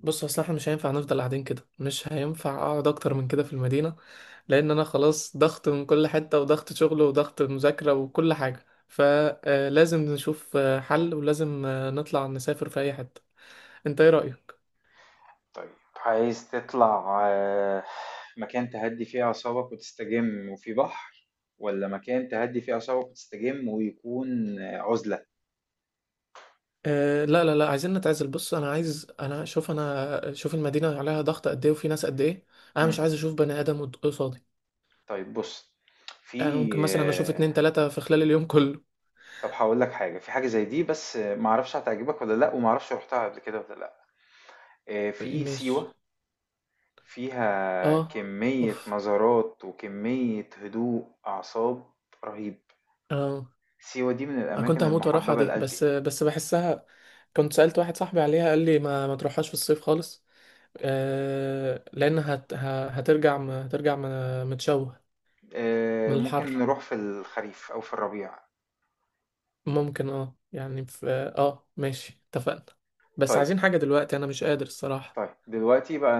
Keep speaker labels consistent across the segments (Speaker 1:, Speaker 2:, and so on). Speaker 1: بص اصل احنا مش هينفع نفضل قاعدين كده. مش هينفع اقعد اكتر من كده في المدينة، لان انا خلاص ضغط من كل حتة، وضغط شغل وضغط مذاكرة وكل حاجة، فلازم نشوف حل، ولازم نطلع نسافر في اي حتة. انت ايه رأيك؟
Speaker 2: طيب عايز تطلع مكان تهدي فيه أعصابك وتستجم وفي بحر، ولا مكان تهدي فيه أعصابك وتستجم ويكون عزلة.
Speaker 1: آه لا عايزين نتعزل. بص انا عايز، انا شوف المدينة عليها ضغط قد ايه، وفي ناس قد ايه. انا
Speaker 2: مم.
Speaker 1: مش عايز اشوف بني ادم قصادي.
Speaker 2: طيب بص.
Speaker 1: يعني
Speaker 2: في
Speaker 1: ممكن مثلا اشوف اتنين تلاتة في خلال اليوم كله.
Speaker 2: طب هقول لك حاجة. في حاجة زي دي بس معرفش هتعجبك ولا لأ، ومعرفش رحتها قبل كده ولا لأ. في
Speaker 1: ماشي.
Speaker 2: سيوة، فيها
Speaker 1: اه.
Speaker 2: كمية
Speaker 1: اوف.
Speaker 2: مزارات وكمية هدوء أعصاب رهيب.
Speaker 1: اه.
Speaker 2: سيوة دي من
Speaker 1: انا كنت
Speaker 2: الأماكن
Speaker 1: هموت واروحها
Speaker 2: المحببة
Speaker 1: دي،
Speaker 2: لقلبي.
Speaker 1: بس بحسها. كنت سألت واحد صاحبي عليها، قال لي ما تروحهاش في الصيف خالص. آه لان هت ه- هترجع م- هترجع م- متشوه من الحر.
Speaker 2: ممكن نروح في الخريف أو في الربيع.
Speaker 1: ممكن اه يعني في. اه ماشي، اتفقنا. بس
Speaker 2: طيب
Speaker 1: عايزين حاجة دلوقتي، انا مش قادر الصراحة.
Speaker 2: طيب، دلوقتي بقى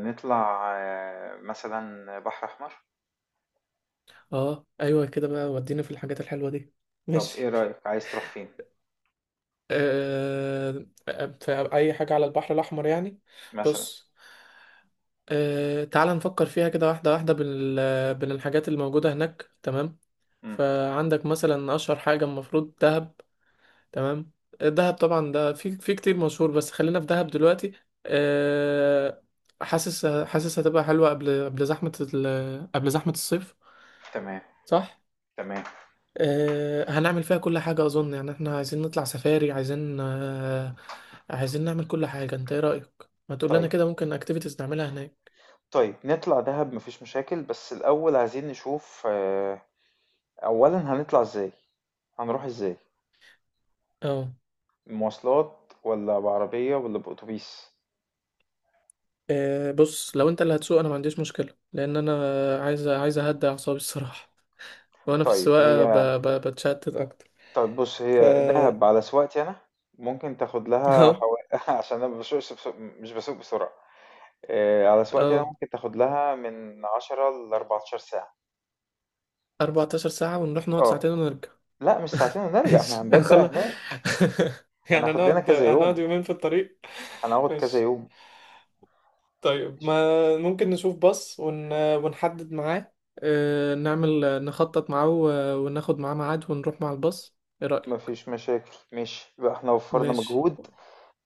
Speaker 2: نطلع مثلا بحر أحمر.
Speaker 1: اه ايوه كده بقى، وديني في الحاجات الحلوة دي.
Speaker 2: طب إيه
Speaker 1: ماشي.
Speaker 2: رأيك، عايز تروح فين؟
Speaker 1: آه، في أي حاجة على البحر الأحمر يعني.
Speaker 2: مثلا.
Speaker 1: بص، تعال نفكر فيها كده واحدة واحدة بالحاجات اللي موجودة هناك، تمام.
Speaker 2: مم.
Speaker 1: فعندك مثلا أشهر حاجة المفروض دهب. تمام. دهب طبعا ده في كتير مشهور، بس خلينا في دهب دلوقتي. آه، حاسس هتبقى حلوة قبل قبل زحمة الصيف،
Speaker 2: تمام
Speaker 1: صح؟
Speaker 2: تمام.
Speaker 1: هنعمل فيها كل حاجة أظن، يعني احنا عايزين نطلع سفاري، عايزين عايزين نعمل كل حاجة. انت ايه رأيك؟ ما تقول لنا
Speaker 2: طيب
Speaker 1: كده ممكن اكتيفيتيز نعملها هناك.
Speaker 2: طيب، نطلع دهب مفيش مشاكل، بس الأول عايزين نشوف أولا هنطلع إزاي؟ هنروح إزاي؟
Speaker 1: اه.
Speaker 2: مواصلات ولا بعربية ولا بأتوبيس؟
Speaker 1: بص، لو انت اللي هتسوق انا ما عنديش مشكلة، لأن انا عايز اهدي أعصابي الصراحة. وأنا في
Speaker 2: طيب
Speaker 1: السواقة
Speaker 2: هي،
Speaker 1: بتشتت أكتر.
Speaker 2: طيب بُص،
Speaker 1: ف
Speaker 2: هي دهب على سواقتي أنا ممكن تاخد لها
Speaker 1: اه.
Speaker 2: حوالي عشان أنا ما باسوقش، بس مش باسوق بسرعة، على سواقتي أنا
Speaker 1: اه،
Speaker 2: ممكن تاخد لها من 10 ل14 ساعة.
Speaker 1: 14 ساعة ونروح نقعد
Speaker 2: آه،
Speaker 1: ساعتين ونرجع؟
Speaker 2: لأ مش ساعتين ونرجع، إحنا
Speaker 1: ماشي،
Speaker 2: هنبات بقى
Speaker 1: هنخلص.
Speaker 2: هناك.
Speaker 1: يعني
Speaker 2: هناخد لنا
Speaker 1: هنقعد
Speaker 2: كذا
Speaker 1: هنقعد
Speaker 2: يوم،
Speaker 1: يومين في الطريق.
Speaker 2: هنقعد كذا
Speaker 1: ماشي.
Speaker 2: يوم.
Speaker 1: طيب
Speaker 2: ماشي،
Speaker 1: ما ممكن نشوف باص ونحدد معاه، نعمل نخطط معاه وناخد معاه ميعاد ونروح مع الباص. ايه
Speaker 2: ما
Speaker 1: رأيك؟
Speaker 2: فيش مشاكل، ماشي، يبقى إحنا وفّرنا
Speaker 1: ماشي.
Speaker 2: مجهود.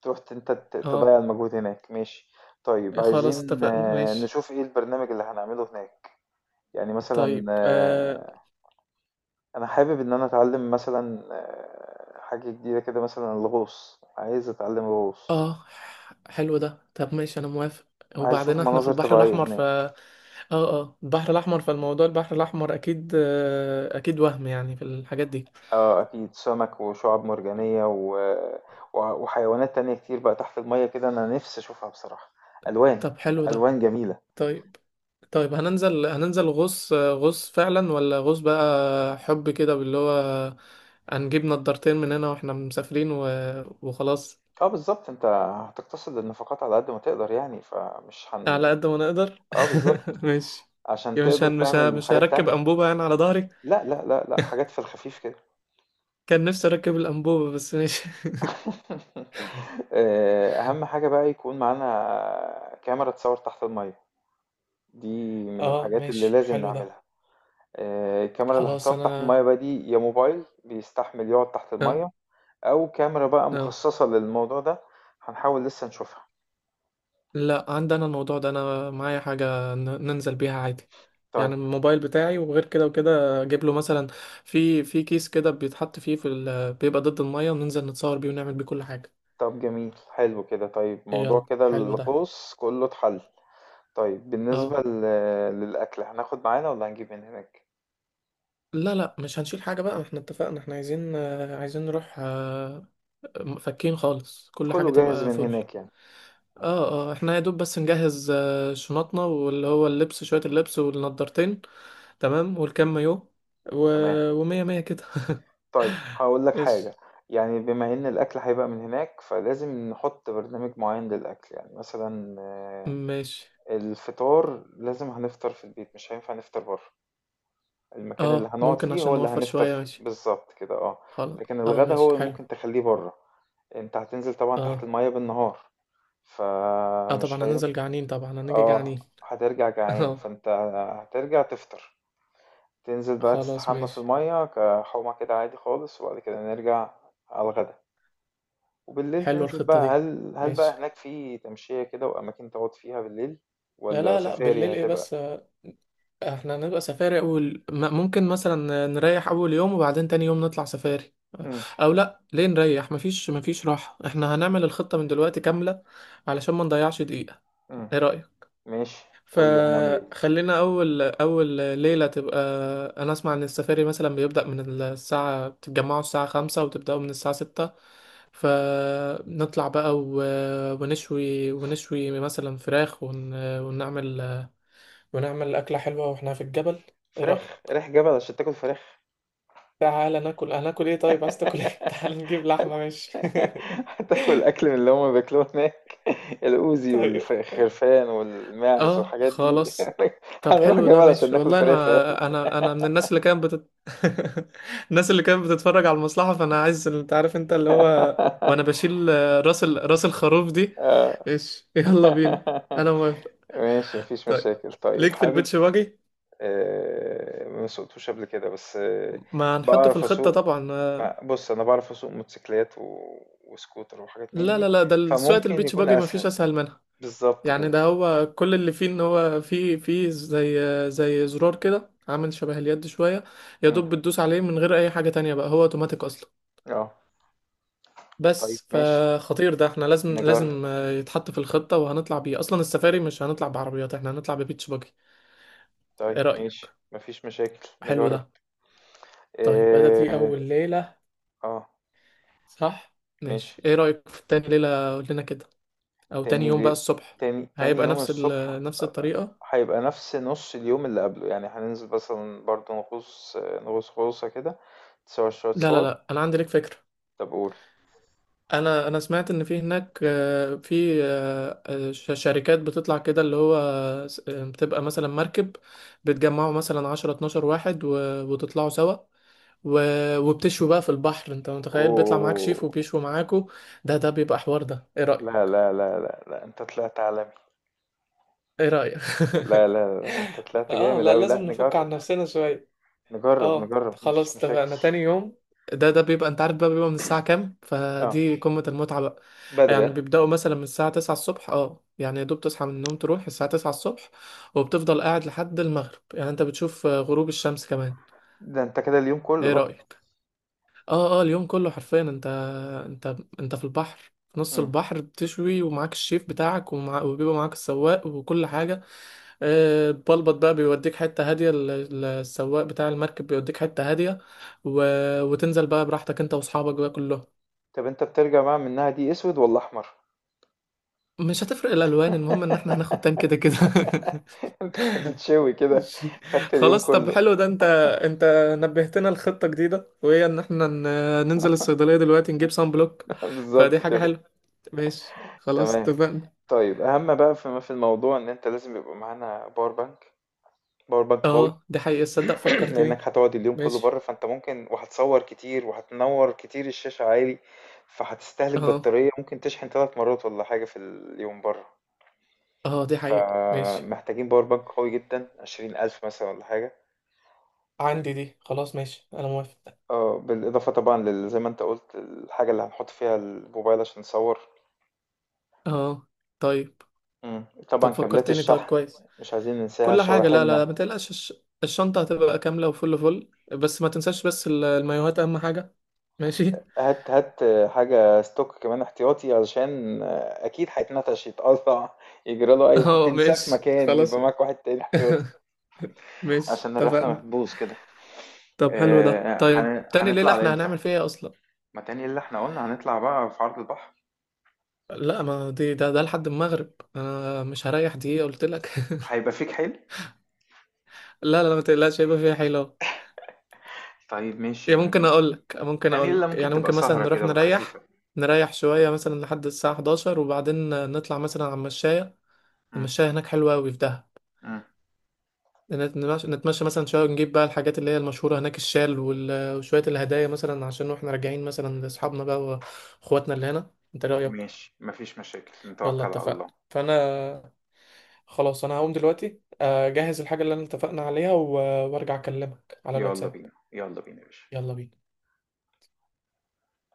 Speaker 2: تروح ت أنت ت
Speaker 1: اه.
Speaker 2: تضيّع المجهود هناك، ماشي. طيب
Speaker 1: إيه، خلاص
Speaker 2: عايزين
Speaker 1: اتفقنا، ماشي.
Speaker 2: نشوف إيه البرنامج اللي هنعمله هناك، يعني مثلًا
Speaker 1: طيب اه.
Speaker 2: انا حابب ان انا اتعلم مثلا حاجة جديدة كده، مثلا الغوص، عايز اتعلم الغوص.
Speaker 1: آه. حلو ده، طب ماشي انا موافق.
Speaker 2: عايز اشوف
Speaker 1: وبعدين احنا في
Speaker 2: مناظر
Speaker 1: البحر
Speaker 2: طبيعية
Speaker 1: الاحمر ف
Speaker 2: هناك.
Speaker 1: اه. اه البحر الاحمر، فالموضوع البحر الاحمر اكيد، اكيد وهم يعني في الحاجات دي.
Speaker 2: اه اكيد، سمك وشعاب مرجانية وحيوانات تانية كتير بقى تحت المية كده، انا نفسي اشوفها بصراحة. الوان،
Speaker 1: طب حلو ده.
Speaker 2: الوان جميلة.
Speaker 1: طيب. طيب هننزل غوص فعلا، ولا غوص بقى حب كده باللي هو، هنجيب نضارتين من هنا واحنا مسافرين وخلاص.
Speaker 2: اه بالظبط، انت هتقتصد النفقات على قد ما تقدر يعني فمش هن.
Speaker 1: على قد ما نقدر
Speaker 2: اه بالظبط،
Speaker 1: ماشي.
Speaker 2: عشان
Speaker 1: يا مش
Speaker 2: تقدر
Speaker 1: هن... مش ه...
Speaker 2: تعمل
Speaker 1: مش
Speaker 2: حاجات
Speaker 1: هركب
Speaker 2: تانية.
Speaker 1: انبوبة انا على ظهري.
Speaker 2: لا لا لا لا، حاجات في الخفيف كده.
Speaker 1: كان نفسي اركب الانبوبة بس ماشي.
Speaker 2: أهم حاجة بقى يكون معانا كاميرا تصوّر تحت المَيّة، دي من
Speaker 1: اه
Speaker 2: الحاجات اللي
Speaker 1: ماشي
Speaker 2: لازم
Speaker 1: حلو ده.
Speaker 2: نعملها. الكاميرا اللي
Speaker 1: خلاص
Speaker 2: هتصوّر تحت
Speaker 1: انا
Speaker 2: المَيّة بقى دي، يا موبايل بيستحمل يقعد تحت
Speaker 1: اه.
Speaker 2: المَيّة، أو كاميرا بقى
Speaker 1: اه
Speaker 2: مخصّصة للموضوع ده. هنحاول لسه نشوفها.
Speaker 1: لا عندي انا الموضوع ده، انا معايا حاجه ننزل بيها عادي.
Speaker 2: طيب،
Speaker 1: يعني الموبايل بتاعي، وغير كده وكده اجيب له مثلا في كيس كده بيتحط فيه بيبقى ضد الميه، وننزل نتصور بيه ونعمل بيه كل حاجه.
Speaker 2: طب جميل، حلو كده. طيب
Speaker 1: يلا
Speaker 2: موضوع كده
Speaker 1: حلو ده.
Speaker 2: الغوص كُلّه اتحَل. طيب بالنسبة
Speaker 1: اه
Speaker 2: ل للأكل، هناخد معانا والّا هنجيب من هناك؟
Speaker 1: لا لا، مش هنشيل حاجه بقى، احنا اتفقنا احنا عايزين عايزين نروح فكين خالص، كل حاجه
Speaker 2: كُلّه جاهز
Speaker 1: تبقى
Speaker 2: من
Speaker 1: فل.
Speaker 2: هناك يعني،
Speaker 1: اه. اه احنا يا دوب بس نجهز شنطنا، واللي هو اللبس، شويه اللبس والنضارتين، تمام والكم مايو و...
Speaker 2: تمام.
Speaker 1: ومية مية كده.
Speaker 2: طيب هاقول لك
Speaker 1: ماشي.
Speaker 2: حاجة، يعني بما إن الأكل هيبقى من هناك، فلازم نحُط برنامج معيّن للأكل، يعني مثلًا
Speaker 1: ماشي.
Speaker 2: الفطار لازم هنفطر في البيت، مش هينفع نفطر برّه. المكان اللي
Speaker 1: اه
Speaker 2: هنقعد
Speaker 1: ممكن
Speaker 2: فيه
Speaker 1: عشان
Speaker 2: هو اللي
Speaker 1: نوفر
Speaker 2: هنفطر
Speaker 1: شوية،
Speaker 2: فيه،
Speaker 1: ماشي،
Speaker 2: بالضبط كده.
Speaker 1: خلاص.
Speaker 2: لكن
Speaker 1: اه
Speaker 2: الغدا
Speaker 1: ماشي
Speaker 2: هو اللي
Speaker 1: حلو.
Speaker 2: ممكن تخلّيه برّه. أنت هتنزل طبعًا تحت
Speaker 1: اه.
Speaker 2: المَيّة بالنهار،
Speaker 1: اه
Speaker 2: فمش
Speaker 1: طبعا هننزل
Speaker 2: هينفع.
Speaker 1: جعانين، طبعا هنيجي
Speaker 2: آه،
Speaker 1: جعانين.
Speaker 2: هترجع جعان،
Speaker 1: اه
Speaker 2: فأنت هترجع تفطر، تنزل بقى
Speaker 1: خلاص
Speaker 2: تستحمى في
Speaker 1: ماشي.
Speaker 2: المَيّة كحومة كده عادي خالص، وبعد كده نرجع على الغدا. وبالليل
Speaker 1: حلوة
Speaker 2: تنزل
Speaker 1: الخطة
Speaker 2: بقى
Speaker 1: دي،
Speaker 2: هل
Speaker 1: ماشي.
Speaker 2: بقى هناك في تمشية كده وأماكن تقعد فيها بالليل،
Speaker 1: لا
Speaker 2: ولا
Speaker 1: لا لا
Speaker 2: سفاري
Speaker 1: بالليل ايه بس،
Speaker 2: هتبقى؟
Speaker 1: احنا هنبقى سفاري. ممكن مثلا نريح اول يوم، وبعدين تاني يوم نطلع سفاري.
Speaker 2: امم
Speaker 1: او لا، ليه نريح؟ مفيش راحة، احنا هنعمل الخطة من دلوقتي كاملة علشان ما نضيعش دقيقة.
Speaker 2: امم
Speaker 1: ايه رأيك؟
Speaker 2: ماشي، قول لي هنعمل ايه.
Speaker 1: فخلينا اول ليله تبقى، انا اسمع ان السفاري مثلا بيبدا من الساعه، بتتجمعوا الساعه خمسة وتبداوا من الساعه ستة. فنطلع بقى ونشوي مثلا فراخ ونعمل ونعمل اكله حلوه واحنا في الجبل. ايه رايك؟
Speaker 2: فراخ؟ رايح جبل عشان تاكل فراخ؟
Speaker 1: تعالى ناكل، هناكل ايه؟ طيب عايز تاكل ايه؟ تعالى نجيب لحمه، ماشي.
Speaker 2: هتاكل اكل من اللي هما بياكلوه هناك، الاوزي
Speaker 1: طيب.
Speaker 2: والخرفان والماعز
Speaker 1: اه
Speaker 2: والحاجات دي.
Speaker 1: خلاص. طب
Speaker 2: هنروح
Speaker 1: حلو ده
Speaker 2: جبل عشان
Speaker 1: ماشي،
Speaker 2: ناكل
Speaker 1: والله
Speaker 2: فراخ يا اخي!
Speaker 1: انا انا من الناس اللي الناس اللي كانت بتتفرج على المصلحة، فانا عايز، انت عارف انت اللي هو، وانا بشيل راس الخروف دي.
Speaker 2: آه.
Speaker 1: ايش يلا بينا، انا موافق.
Speaker 2: ماشي مفيش
Speaker 1: طيب
Speaker 2: مشاكل. طيب
Speaker 1: ليك في
Speaker 2: حابب
Speaker 1: البيتش باجي؟
Speaker 2: ما سوقتوش قبل كده، بس
Speaker 1: ما هنحطه في
Speaker 2: بعرف
Speaker 1: الخطة
Speaker 2: اسوق.
Speaker 1: طبعا،
Speaker 2: بص، انا بعرف اسوق موتوسيكلات وسكوتر وحاجات من
Speaker 1: لا
Speaker 2: دي،
Speaker 1: لا لا، ده سواقة
Speaker 2: فممكن
Speaker 1: البيتش
Speaker 2: يكون
Speaker 1: باجي ما
Speaker 2: اسهل.
Speaker 1: فيش اسهل منها.
Speaker 2: بالظبط
Speaker 1: يعني
Speaker 2: كده.
Speaker 1: ده هو كل اللي فيه ان هو فيه زي زرار كده، عامل شبه اليد شوية، يا
Speaker 2: مم.
Speaker 1: دوب بتدوس عليه من غير اي حاجة تانية، بقى هو اوتوماتيك اصلا.
Speaker 2: اه، طيب
Speaker 1: بس
Speaker 2: ماشي
Speaker 1: فخطير ده، احنا لازم
Speaker 2: نجرب.
Speaker 1: لازم يتحط في الخطة، وهنطلع بيه اصلا. السفاري مش هنطلع بعربيات، احنا هنطلع ببيتش باجي.
Speaker 2: طيب
Speaker 1: ايه رأيك؟
Speaker 2: ماشي مفيش مشاكل،
Speaker 1: حلو ده.
Speaker 2: نجرب.
Speaker 1: طيب هذا دي
Speaker 2: اه.
Speaker 1: اول ليلة،
Speaker 2: آه،
Speaker 1: صح؟ ماشي،
Speaker 2: ماشي.
Speaker 1: ايه رأيك في تاني ليلة؟ قول لنا كده، او تاني
Speaker 2: تاني
Speaker 1: يوم بقى
Speaker 2: لي...
Speaker 1: الصبح.
Speaker 2: تاني يوم الصبح
Speaker 1: نفس الطريقة.
Speaker 2: هيبقى نفس نص اليوم اللي قبله، يعني هننزل مثلا برضه نغوص، نغوص غوصة كده، تصور شوية
Speaker 1: لا لا
Speaker 2: صور.
Speaker 1: لا انا عندي لك فكرة.
Speaker 2: طب قول.
Speaker 1: انا سمعت ان في هناك آه، في آه، آه، ش- شركات بتطلع كده، اللي هو بتبقى مثلا مركب، بتجمعوا مثلا 10 12 واحد وتطلعوا سوا، وبتشوا بقى في البحر. انت متخيل بيطلع معاك شيف
Speaker 2: اوه.
Speaker 1: وبيشوا معاكوا؟ ده بيبقى حوار ده، ايه
Speaker 2: لا
Speaker 1: رأيك؟
Speaker 2: لا لا لا لا، انت طلعت عالمي.
Speaker 1: ايه رأيك؟
Speaker 2: لا لا لا، انت طلعت
Speaker 1: اه
Speaker 2: جامد
Speaker 1: لا
Speaker 2: اوي،
Speaker 1: لازم
Speaker 2: لا
Speaker 1: نفك عن
Speaker 2: نجرب.
Speaker 1: نفسنا شوية.
Speaker 2: نجرب
Speaker 1: اه
Speaker 2: نجرب مفيش
Speaker 1: خلاص
Speaker 2: مشاكل.
Speaker 1: اتفقنا، تاني يوم ده بيبقى، انت عارف بقى بيبقى من الساعة كام؟
Speaker 2: اه،
Speaker 1: فدي قمة المتعة بقى.
Speaker 2: بدري
Speaker 1: يعني
Speaker 2: اه.
Speaker 1: بيبدأوا مثلا من الساعة 9 الصبح، اه يعني يا دوب تصحى من النوم تروح الساعة 9 الصبح، وبتفضل قاعد لحد المغرب، يعني انت بتشوف غروب الشمس كمان.
Speaker 2: ده انت كده اليوم كله
Speaker 1: ايه
Speaker 2: بقى.
Speaker 1: رأيك؟ اه اه اليوم كله حرفيا، انت انت في البحر، في نص
Speaker 2: مم.
Speaker 1: البحر بتشوي، ومعاك الشيف بتاعك، وبيبقى معاك السواق وكل حاجة. البلبط بقى بيوديك حتة هادية، السواق بتاع المركب بيوديك حتة هادية، و... وتنزل بقى براحتك انت واصحابك بقى كلهم.
Speaker 2: طب انت بترجع بقى منها دي اسود ولا احمر؟
Speaker 1: مش هتفرق الالوان، المهم ان احنا هناخد تان كده كده.
Speaker 2: هتتشوي كده.
Speaker 1: ماشي.
Speaker 2: خدت اليوم
Speaker 1: خلاص طب
Speaker 2: كله.
Speaker 1: حلو ده، انت نبهتنا لخطة جديدة، وهي ان احنا ننزل الصيدلية دلوقتي نجيب صن بلوك. فدي
Speaker 2: بالظبط
Speaker 1: حاجة
Speaker 2: كده.
Speaker 1: حلوة، ماشي خلاص
Speaker 2: تمام.
Speaker 1: اتفقنا.
Speaker 2: طيب اهم بقى في الموضوع، ان انت لازم يبقى معانا باور بانك، باور بانك قوي.
Speaker 1: اه دي حقيقة، تصدق فكرتني.
Speaker 2: لأنك هتقعد اليوم كله بره،
Speaker 1: ماشي.
Speaker 2: فأنت ممكن وهتصور كتير وهتنور كتير الشاشة عالي، فهتستهلك
Speaker 1: اه
Speaker 2: بطارية. ممكن تشحن 3 مرات ولا حاجة في اليوم بره،
Speaker 1: اه دي حقيقة، ماشي.
Speaker 2: فمحتاجين باور بانك قوي جدا، 20,000 مثلا ولا حاجة.
Speaker 1: عندي دي، خلاص ماشي انا موافق.
Speaker 2: اه بالإضافة طبعا زي ما أنت قلت، الحاجة اللي هنحط فيها الموبايل عشان نصور.
Speaker 1: اه. طيب.
Speaker 2: مم. طبعا
Speaker 1: طب
Speaker 2: كابلات
Speaker 1: فكرتني، طيب
Speaker 2: الشحن
Speaker 1: كويس.
Speaker 2: مش عايزين ننساها،
Speaker 1: كل حاجة، لا لا
Speaker 2: شواحننا.
Speaker 1: لا ما تقلقش الشنطة هتبقى كاملة وفل فل. بس ما تنساش بس المايوهات اهم حاجة. ماشي.
Speaker 2: هات هات حاجة ستوك كمان احتياطي، علشان أكيد هيتنتش يتقطع، يجرى له أي حاجة،
Speaker 1: اه
Speaker 2: تنساه في
Speaker 1: ماشي
Speaker 2: مكان
Speaker 1: خلاص.
Speaker 2: يبقى معاك واحد تاني احتياطي،
Speaker 1: ماشي
Speaker 2: عشان الرحلة ما
Speaker 1: اتفقنا.
Speaker 2: تبوظ كده.
Speaker 1: طب حلو ده. طيب تاني
Speaker 2: هنطلع
Speaker 1: ليلة
Speaker 2: على
Speaker 1: احنا
Speaker 2: إمتى؟
Speaker 1: هنعمل فيها إيه اصلا؟
Speaker 2: ما تاني اللي احنا قلنا هنطلع بقى في عرض البحر.
Speaker 1: لا ما دي ده لحد المغرب انا مش هريح دقيقة قلت لك.
Speaker 2: هيبقى فيك حيل؟
Speaker 1: لا لا لا، ما تقلقش هيبقى فيها حيلة.
Speaker 2: طيب ماشي.
Speaker 1: يعني ممكن اقول لك، ممكن
Speaker 2: تاني
Speaker 1: اقول
Speaker 2: اللي
Speaker 1: لك،
Speaker 2: ممكن
Speaker 1: يعني
Speaker 2: تبقى
Speaker 1: ممكن مثلا
Speaker 2: سهرة
Speaker 1: نروح
Speaker 2: كده خفيفة.
Speaker 1: نريح، نريح شوية مثلا لحد الساعة 11 وبعدين نطلع مثلا على المشاية.
Speaker 2: مم،
Speaker 1: المشاية هناك حلوة أوي في دهب.
Speaker 2: مم،
Speaker 1: نتمشى مثلا شوية، ونجيب بقى الحاجات اللي هي المشهورة هناك، الشال وشوية الهدايا مثلا، عشان واحنا راجعين مثلا لأصحابنا بقى وإخواتنا اللي هنا. انت رأيك؟
Speaker 2: ماشي مفيش مشاكل،
Speaker 1: يلا
Speaker 2: نتوكل على
Speaker 1: اتفقنا،
Speaker 2: الله.
Speaker 1: فأنا خلاص أنا هقوم دلوقتي أجهز الحاجة اللي أنا اتفقنا عليها وأرجع أكلمك على
Speaker 2: يلا
Speaker 1: الواتساب.
Speaker 2: بينا يلا بينا يا باشا
Speaker 1: يلا بينا.